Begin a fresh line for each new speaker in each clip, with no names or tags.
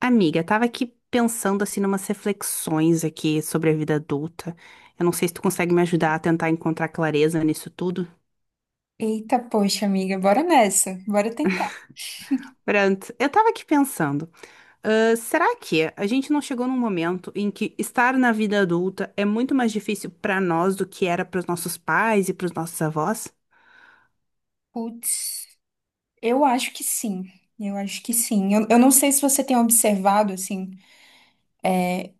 Amiga, tava aqui pensando assim numas reflexões aqui sobre a vida adulta. Eu não sei se tu consegue me ajudar a tentar encontrar clareza nisso tudo.
Eita, poxa, amiga, bora nessa. Bora tentar.
Pronto, eu tava aqui pensando, ah, será que a gente não chegou num momento em que estar na vida adulta é muito mais difícil pra nós do que era pros nossos pais e pros nossos avós?
Putz, eu acho que sim. Eu acho que sim. Eu não sei se você tem observado, assim,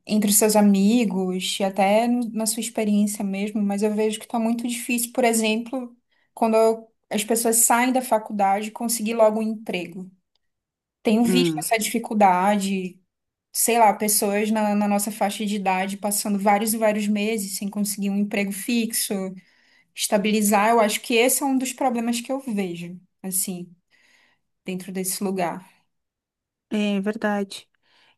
entre os seus amigos, e até na sua experiência mesmo, mas eu vejo que tá muito difícil, por exemplo, quando as pessoas saem da faculdade, conseguir logo um emprego. Tenho visto
Hum,
essa dificuldade, sei lá, pessoas na nossa faixa de idade passando vários e vários meses sem conseguir um emprego fixo. Estabilizar. Eu acho que esse é um dos problemas que eu vejo, assim, dentro desse lugar.
é verdade.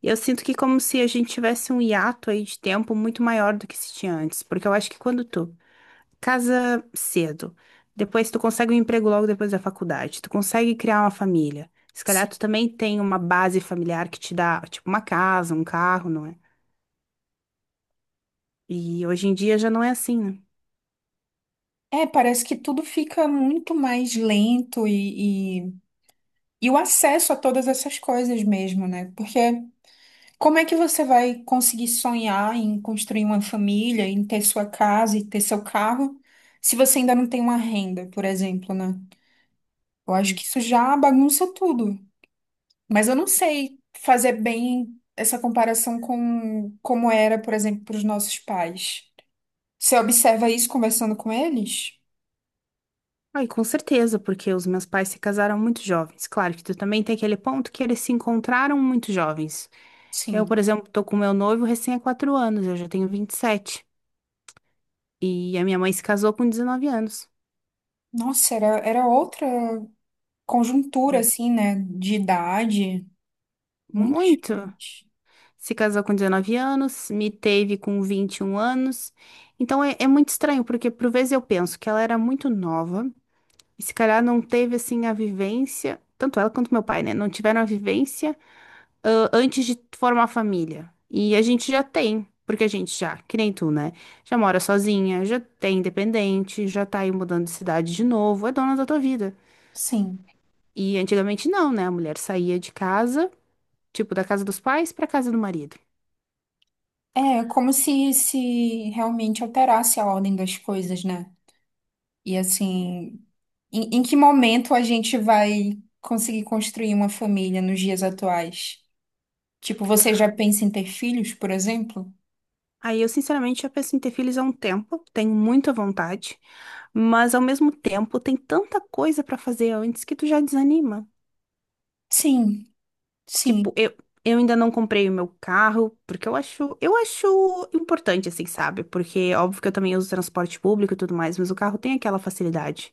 Eu sinto que como se a gente tivesse um hiato aí de tempo muito maior do que se tinha antes, porque eu acho que quando tu casa cedo. Depois tu consegue um emprego logo depois da faculdade. Tu consegue criar uma família. Se calhar
Sim.
tu também tem uma base familiar que te dá, tipo, uma casa, um carro, não é? E hoje em dia já não é assim, né?
É, parece que tudo fica muito mais lento e o acesso a todas essas coisas mesmo, né? Porque como é que você vai conseguir sonhar em construir uma família, em ter sua casa e ter seu carro, se você ainda não tem uma renda, por exemplo, né? Eu acho
Hum.
que isso já bagunça tudo. Mas eu não sei fazer bem essa comparação com como era, por exemplo, para os nossos pais. Você observa isso conversando com eles?
Ah, e com certeza, porque os meus pais se casaram muito jovens. Claro que tu também tem aquele ponto que eles se encontraram muito jovens. Eu,
Sim.
por exemplo, tô com meu noivo recém há 4 anos, eu já tenho 27 e a minha mãe se casou com 19 anos.
Nossa, era, era outra conjuntura,
Hum.
assim, né? De idade, muito
Muito.
diferente.
Se casou com 19 anos, me teve com 21 anos. Então é muito estranho, porque por vezes eu penso que ela era muito nova, e se calhar não teve assim a vivência, tanto ela quanto meu pai, né? Não tiveram a vivência antes de formar família. E a gente já tem, porque a gente já, que nem tu, né? Já mora sozinha, já é independente, já tá aí mudando de cidade de novo, é dona da tua vida.
Sim.
E antigamente não, né? A mulher saía de casa, tipo, da casa dos pais pra casa do marido.
É como se realmente alterasse a ordem das coisas, né? E assim, em que momento a gente vai conseguir construir uma família nos dias atuais? Tipo, você já pensa em ter filhos, por exemplo?
Aí eu sinceramente já penso em ter filhos há um tempo, tenho muita vontade, mas ao mesmo tempo tem tanta coisa pra fazer antes que tu já desanima.
Sim,
Tipo,
sim.
eu ainda não comprei o meu carro, porque eu acho importante assim, sabe? Porque óbvio que eu também uso transporte público e tudo mais, mas o carro tem aquela facilidade.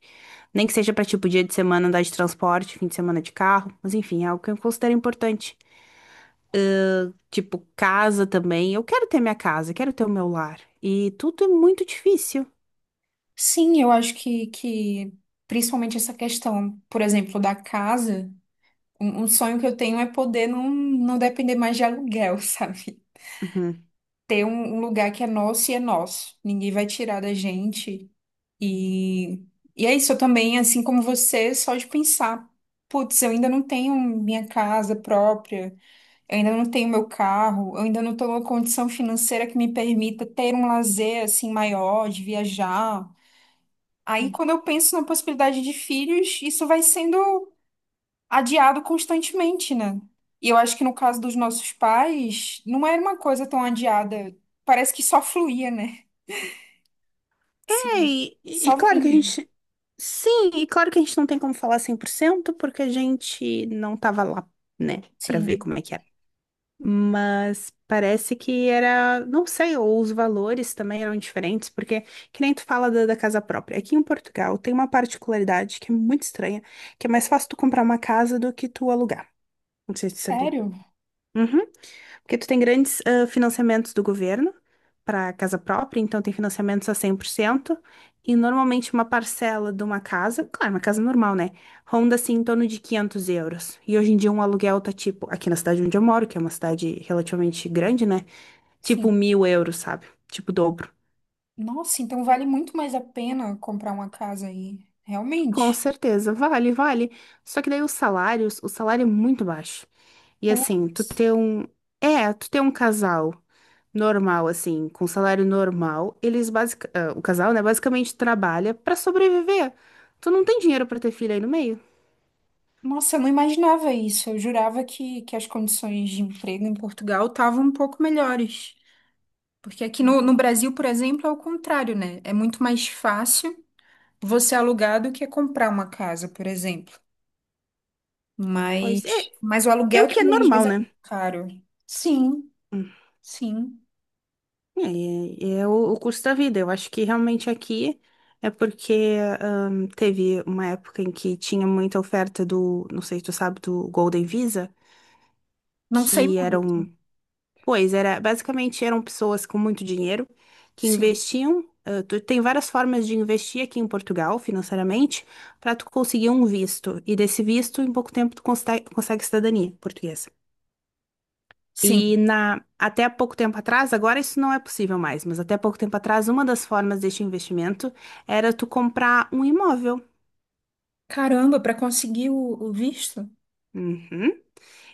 Nem que seja pra tipo dia de semana andar de transporte, fim de semana de carro, mas enfim, é algo que eu considero importante. Tipo, casa também. Eu quero ter minha casa, quero ter o meu lar. E tudo é muito difícil.
Sim, eu acho que principalmente essa questão, por exemplo, da casa, um sonho que eu tenho é poder não depender mais de aluguel, sabe?
Uhum.
Ter um lugar que é nosso e é nosso. Ninguém vai tirar da gente. E, e é isso, eu também, assim como você, só de pensar, putz, eu ainda não tenho minha casa própria, eu ainda não tenho meu carro, eu ainda não estou numa condição financeira que me permita ter um lazer assim maior, de viajar. Aí, quando eu penso na possibilidade de filhos, isso vai sendo adiado constantemente, né? E eu acho que no caso dos nossos pais, não era uma coisa tão adiada. Parece que só fluía, né?
É,
Sim.
e
Só
claro que a
vinha.
gente. Sim, e claro que a gente não tem como falar 100% porque a gente não tava lá, né, pra ver
Sim.
como é que era. Mas parece que era, não sei, ou os valores também eram diferentes, porque que nem tu fala da casa própria. Aqui em Portugal tem uma particularidade que é muito estranha, que é mais fácil tu comprar uma casa do que tu alugar. Não sei se tu sabia.
Sério?
Uhum. Porque tu tem grandes financiamentos do governo para casa própria, então tem financiamentos a 100% e normalmente uma parcela de uma casa, claro, uma casa normal, né? Ronda assim em torno de €500. E hoje em dia um aluguel tá tipo, aqui na cidade onde eu moro, que é uma cidade relativamente grande, né?
Sim.
Tipo €1000, sabe? Tipo o dobro.
Nossa, então vale muito mais a pena comprar uma casa aí.
Com
Realmente.
certeza, vale, vale. Só que daí os salários, o salário é muito baixo. E assim, tu
Putz.
ter um. É, tu ter um casal normal, assim, com salário normal, eles o casal, né, basicamente trabalha pra sobreviver. Tu não tem dinheiro pra ter filho aí no meio?
Nossa, eu não imaginava isso. Eu jurava que as condições de emprego em Portugal estavam um pouco melhores. Porque aqui no Brasil, por exemplo, é o contrário, né? É muito mais fácil você alugar do que comprar uma casa, por exemplo.
Pois é,
Mas o
é o
aluguel
que é
também às vezes
normal,
é
né?
muito caro. Sim, sim.
É, é o custo da vida. Eu acho que realmente aqui é porque teve uma época em que tinha muita oferta do, não sei se tu sabe, do Golden Visa,
Não sei
que
muito.
eram pois era, basicamente eram pessoas com muito dinheiro que
Sim,
investiam. Tem várias formas de investir aqui em Portugal financeiramente para tu conseguir um visto. E desse visto, em pouco tempo, tu consegue cidadania portuguesa.
sim.
E até pouco tempo atrás, agora isso não é possível mais, mas até pouco tempo atrás, uma das formas deste investimento era tu comprar um imóvel.
Caramba, para conseguir o visto?
Uhum.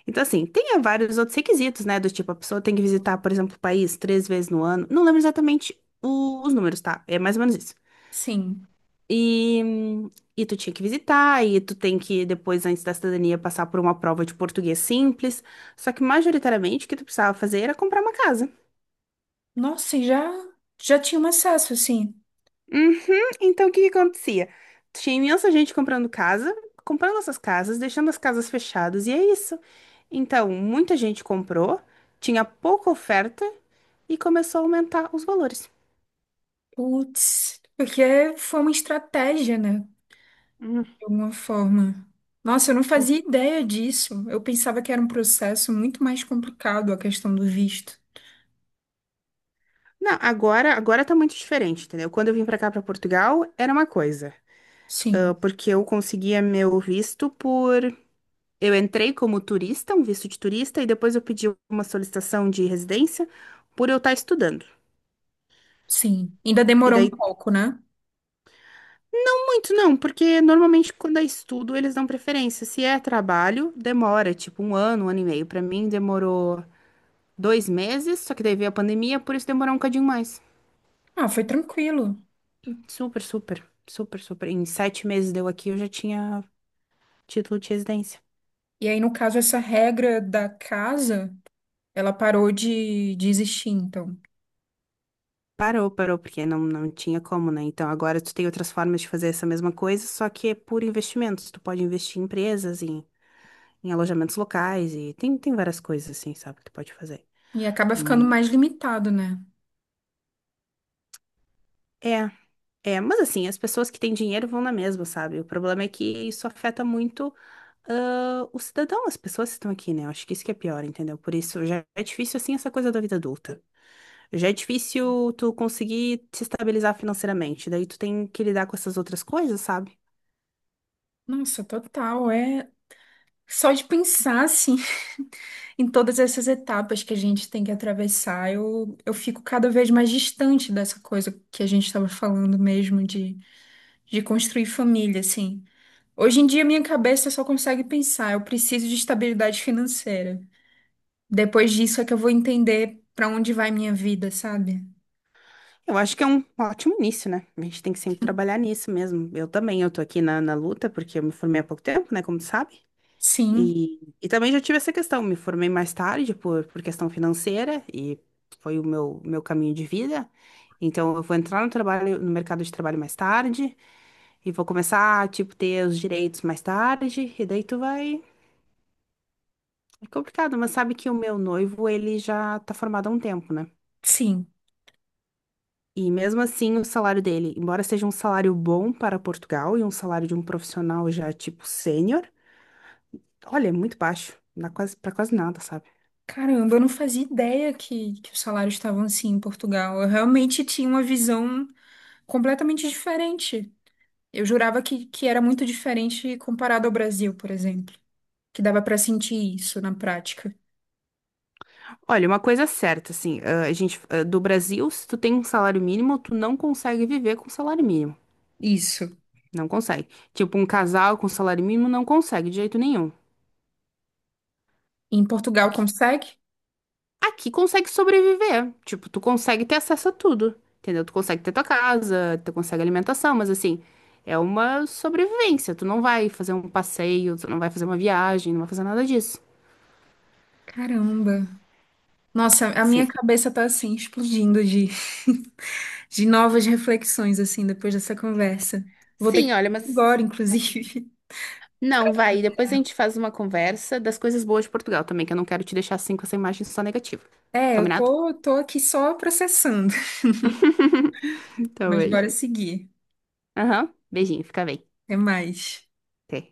Então, assim, tem vários outros requisitos, né? Do tipo, a pessoa tem que visitar, por exemplo, o país 3 vezes no ano. Não lembro exatamente os números, tá? É mais ou menos isso.
Sim.
E, e tu tinha que visitar, e tu tem que, depois, antes da cidadania, passar por uma prova de português simples. Só que, majoritariamente, o que tu precisava fazer era comprar uma casa.
Nossa, e já, já tinha um acesso, assim.
Uhum, então, o que que acontecia? Tinha imensa gente comprando casa, comprando essas casas, deixando as casas fechadas, e é isso. Então, muita gente comprou, tinha pouca oferta, e começou a aumentar os valores.
Putz, porque foi uma estratégia, né?
Hum.
De alguma forma. Nossa, eu não fazia ideia disso. Eu pensava que era um processo muito mais complicado a questão do visto.
Não, agora tá muito diferente, entendeu? Quando eu vim pra cá, pra Portugal, era uma coisa.
Sim,
Porque eu conseguia meu visto por. Eu entrei como turista, um visto de turista, e depois eu pedi uma solicitação de residência por eu estar estudando.
sim. Ainda
E
demorou um
daí,
pouco, né?
muito não, porque normalmente quando é estudo eles dão preferência. Se é trabalho, demora, tipo um ano e meio. Pra mim demorou 2 meses, só que daí veio a pandemia, por isso demorou um cadinho mais.
Ah, foi tranquilo.
Super, super, super, super. Em 7 meses deu aqui, eu já tinha título de residência.
E aí, no caso, essa regra da casa, ela parou de existir, então.
Parou, parou, porque não, não tinha como, né? Então agora tu tem outras formas de fazer essa mesma coisa, só que é por investimentos. Tu pode investir em empresas, em alojamentos locais, e tem várias coisas assim, sabe, que tu pode fazer.
E acaba ficando
Hum.
mais limitado, né?
É, é, mas assim, as pessoas que têm dinheiro vão na mesma, sabe? O problema é que isso afeta muito o cidadão, as pessoas que estão aqui, né? Eu acho que isso que é pior, entendeu? Por isso já é difícil assim essa coisa da vida adulta. Já é difícil tu conseguir se estabilizar financeiramente, daí tu tem que lidar com essas outras coisas, sabe?
Nossa, total. É só de pensar, assim, em todas essas etapas que a gente tem que atravessar, eu fico cada vez mais distante dessa coisa que a gente estava falando mesmo de construir família, assim. Hoje em dia, minha cabeça só consegue pensar, eu preciso de estabilidade financeira. Depois disso é que eu vou entender pra onde vai minha vida, sabe?
Eu acho que é um ótimo início, né? A gente tem que sempre trabalhar nisso mesmo. Eu também, eu tô aqui na luta, porque eu me formei há pouco tempo, né? Como tu sabe.
Sim,
E também já tive essa questão, me formei mais tarde por questão financeira e foi o meu caminho de vida. Então eu vou entrar no trabalho, no mercado de trabalho mais tarde e vou começar a, tipo, ter os direitos mais tarde e daí tu vai... É complicado, mas sabe que o meu noivo, ele já tá formado há um tempo, né?
sim.
E mesmo assim, o salário dele, embora seja um salário bom para Portugal e um salário de um profissional já, tipo, sênior, olha, é muito baixo, não dá quase, para quase nada, sabe?
Caramba, eu não fazia ideia que os salários estavam assim em Portugal. Eu realmente tinha uma visão completamente diferente. Eu jurava que era muito diferente comparado ao Brasil, por exemplo. Que dava pra sentir isso na prática.
Olha, uma coisa é certa, assim, a gente, do Brasil, se tu tem um salário mínimo, tu não consegue viver com salário mínimo.
Isso.
Não consegue. Tipo, um casal com salário mínimo não consegue de jeito nenhum.
E em Portugal
Aqui,
consegue?
aqui consegue sobreviver. Tipo, tu consegue ter acesso a tudo. Entendeu? Tu consegue ter tua casa, tu consegue alimentação, mas assim, é uma sobrevivência. Tu não vai fazer um passeio, tu não vai fazer uma viagem, não vai fazer nada disso.
Caramba. Nossa, a
Sim.
minha cabeça tá assim, explodindo de, de novas reflexões, assim, depois dessa conversa. Vou ter que
Sim, olha,
ir
mas.
agora, inclusive.
Não, vai. Depois a gente faz uma conversa das coisas boas de Portugal também, que eu não quero te deixar assim com essa imagem só negativa.
É, eu
Combinado?
tô, tô aqui só processando,
Tá
mas bora
bem.
seguir.
Aham. Beijinho, fica bem.
Até mais.
Até.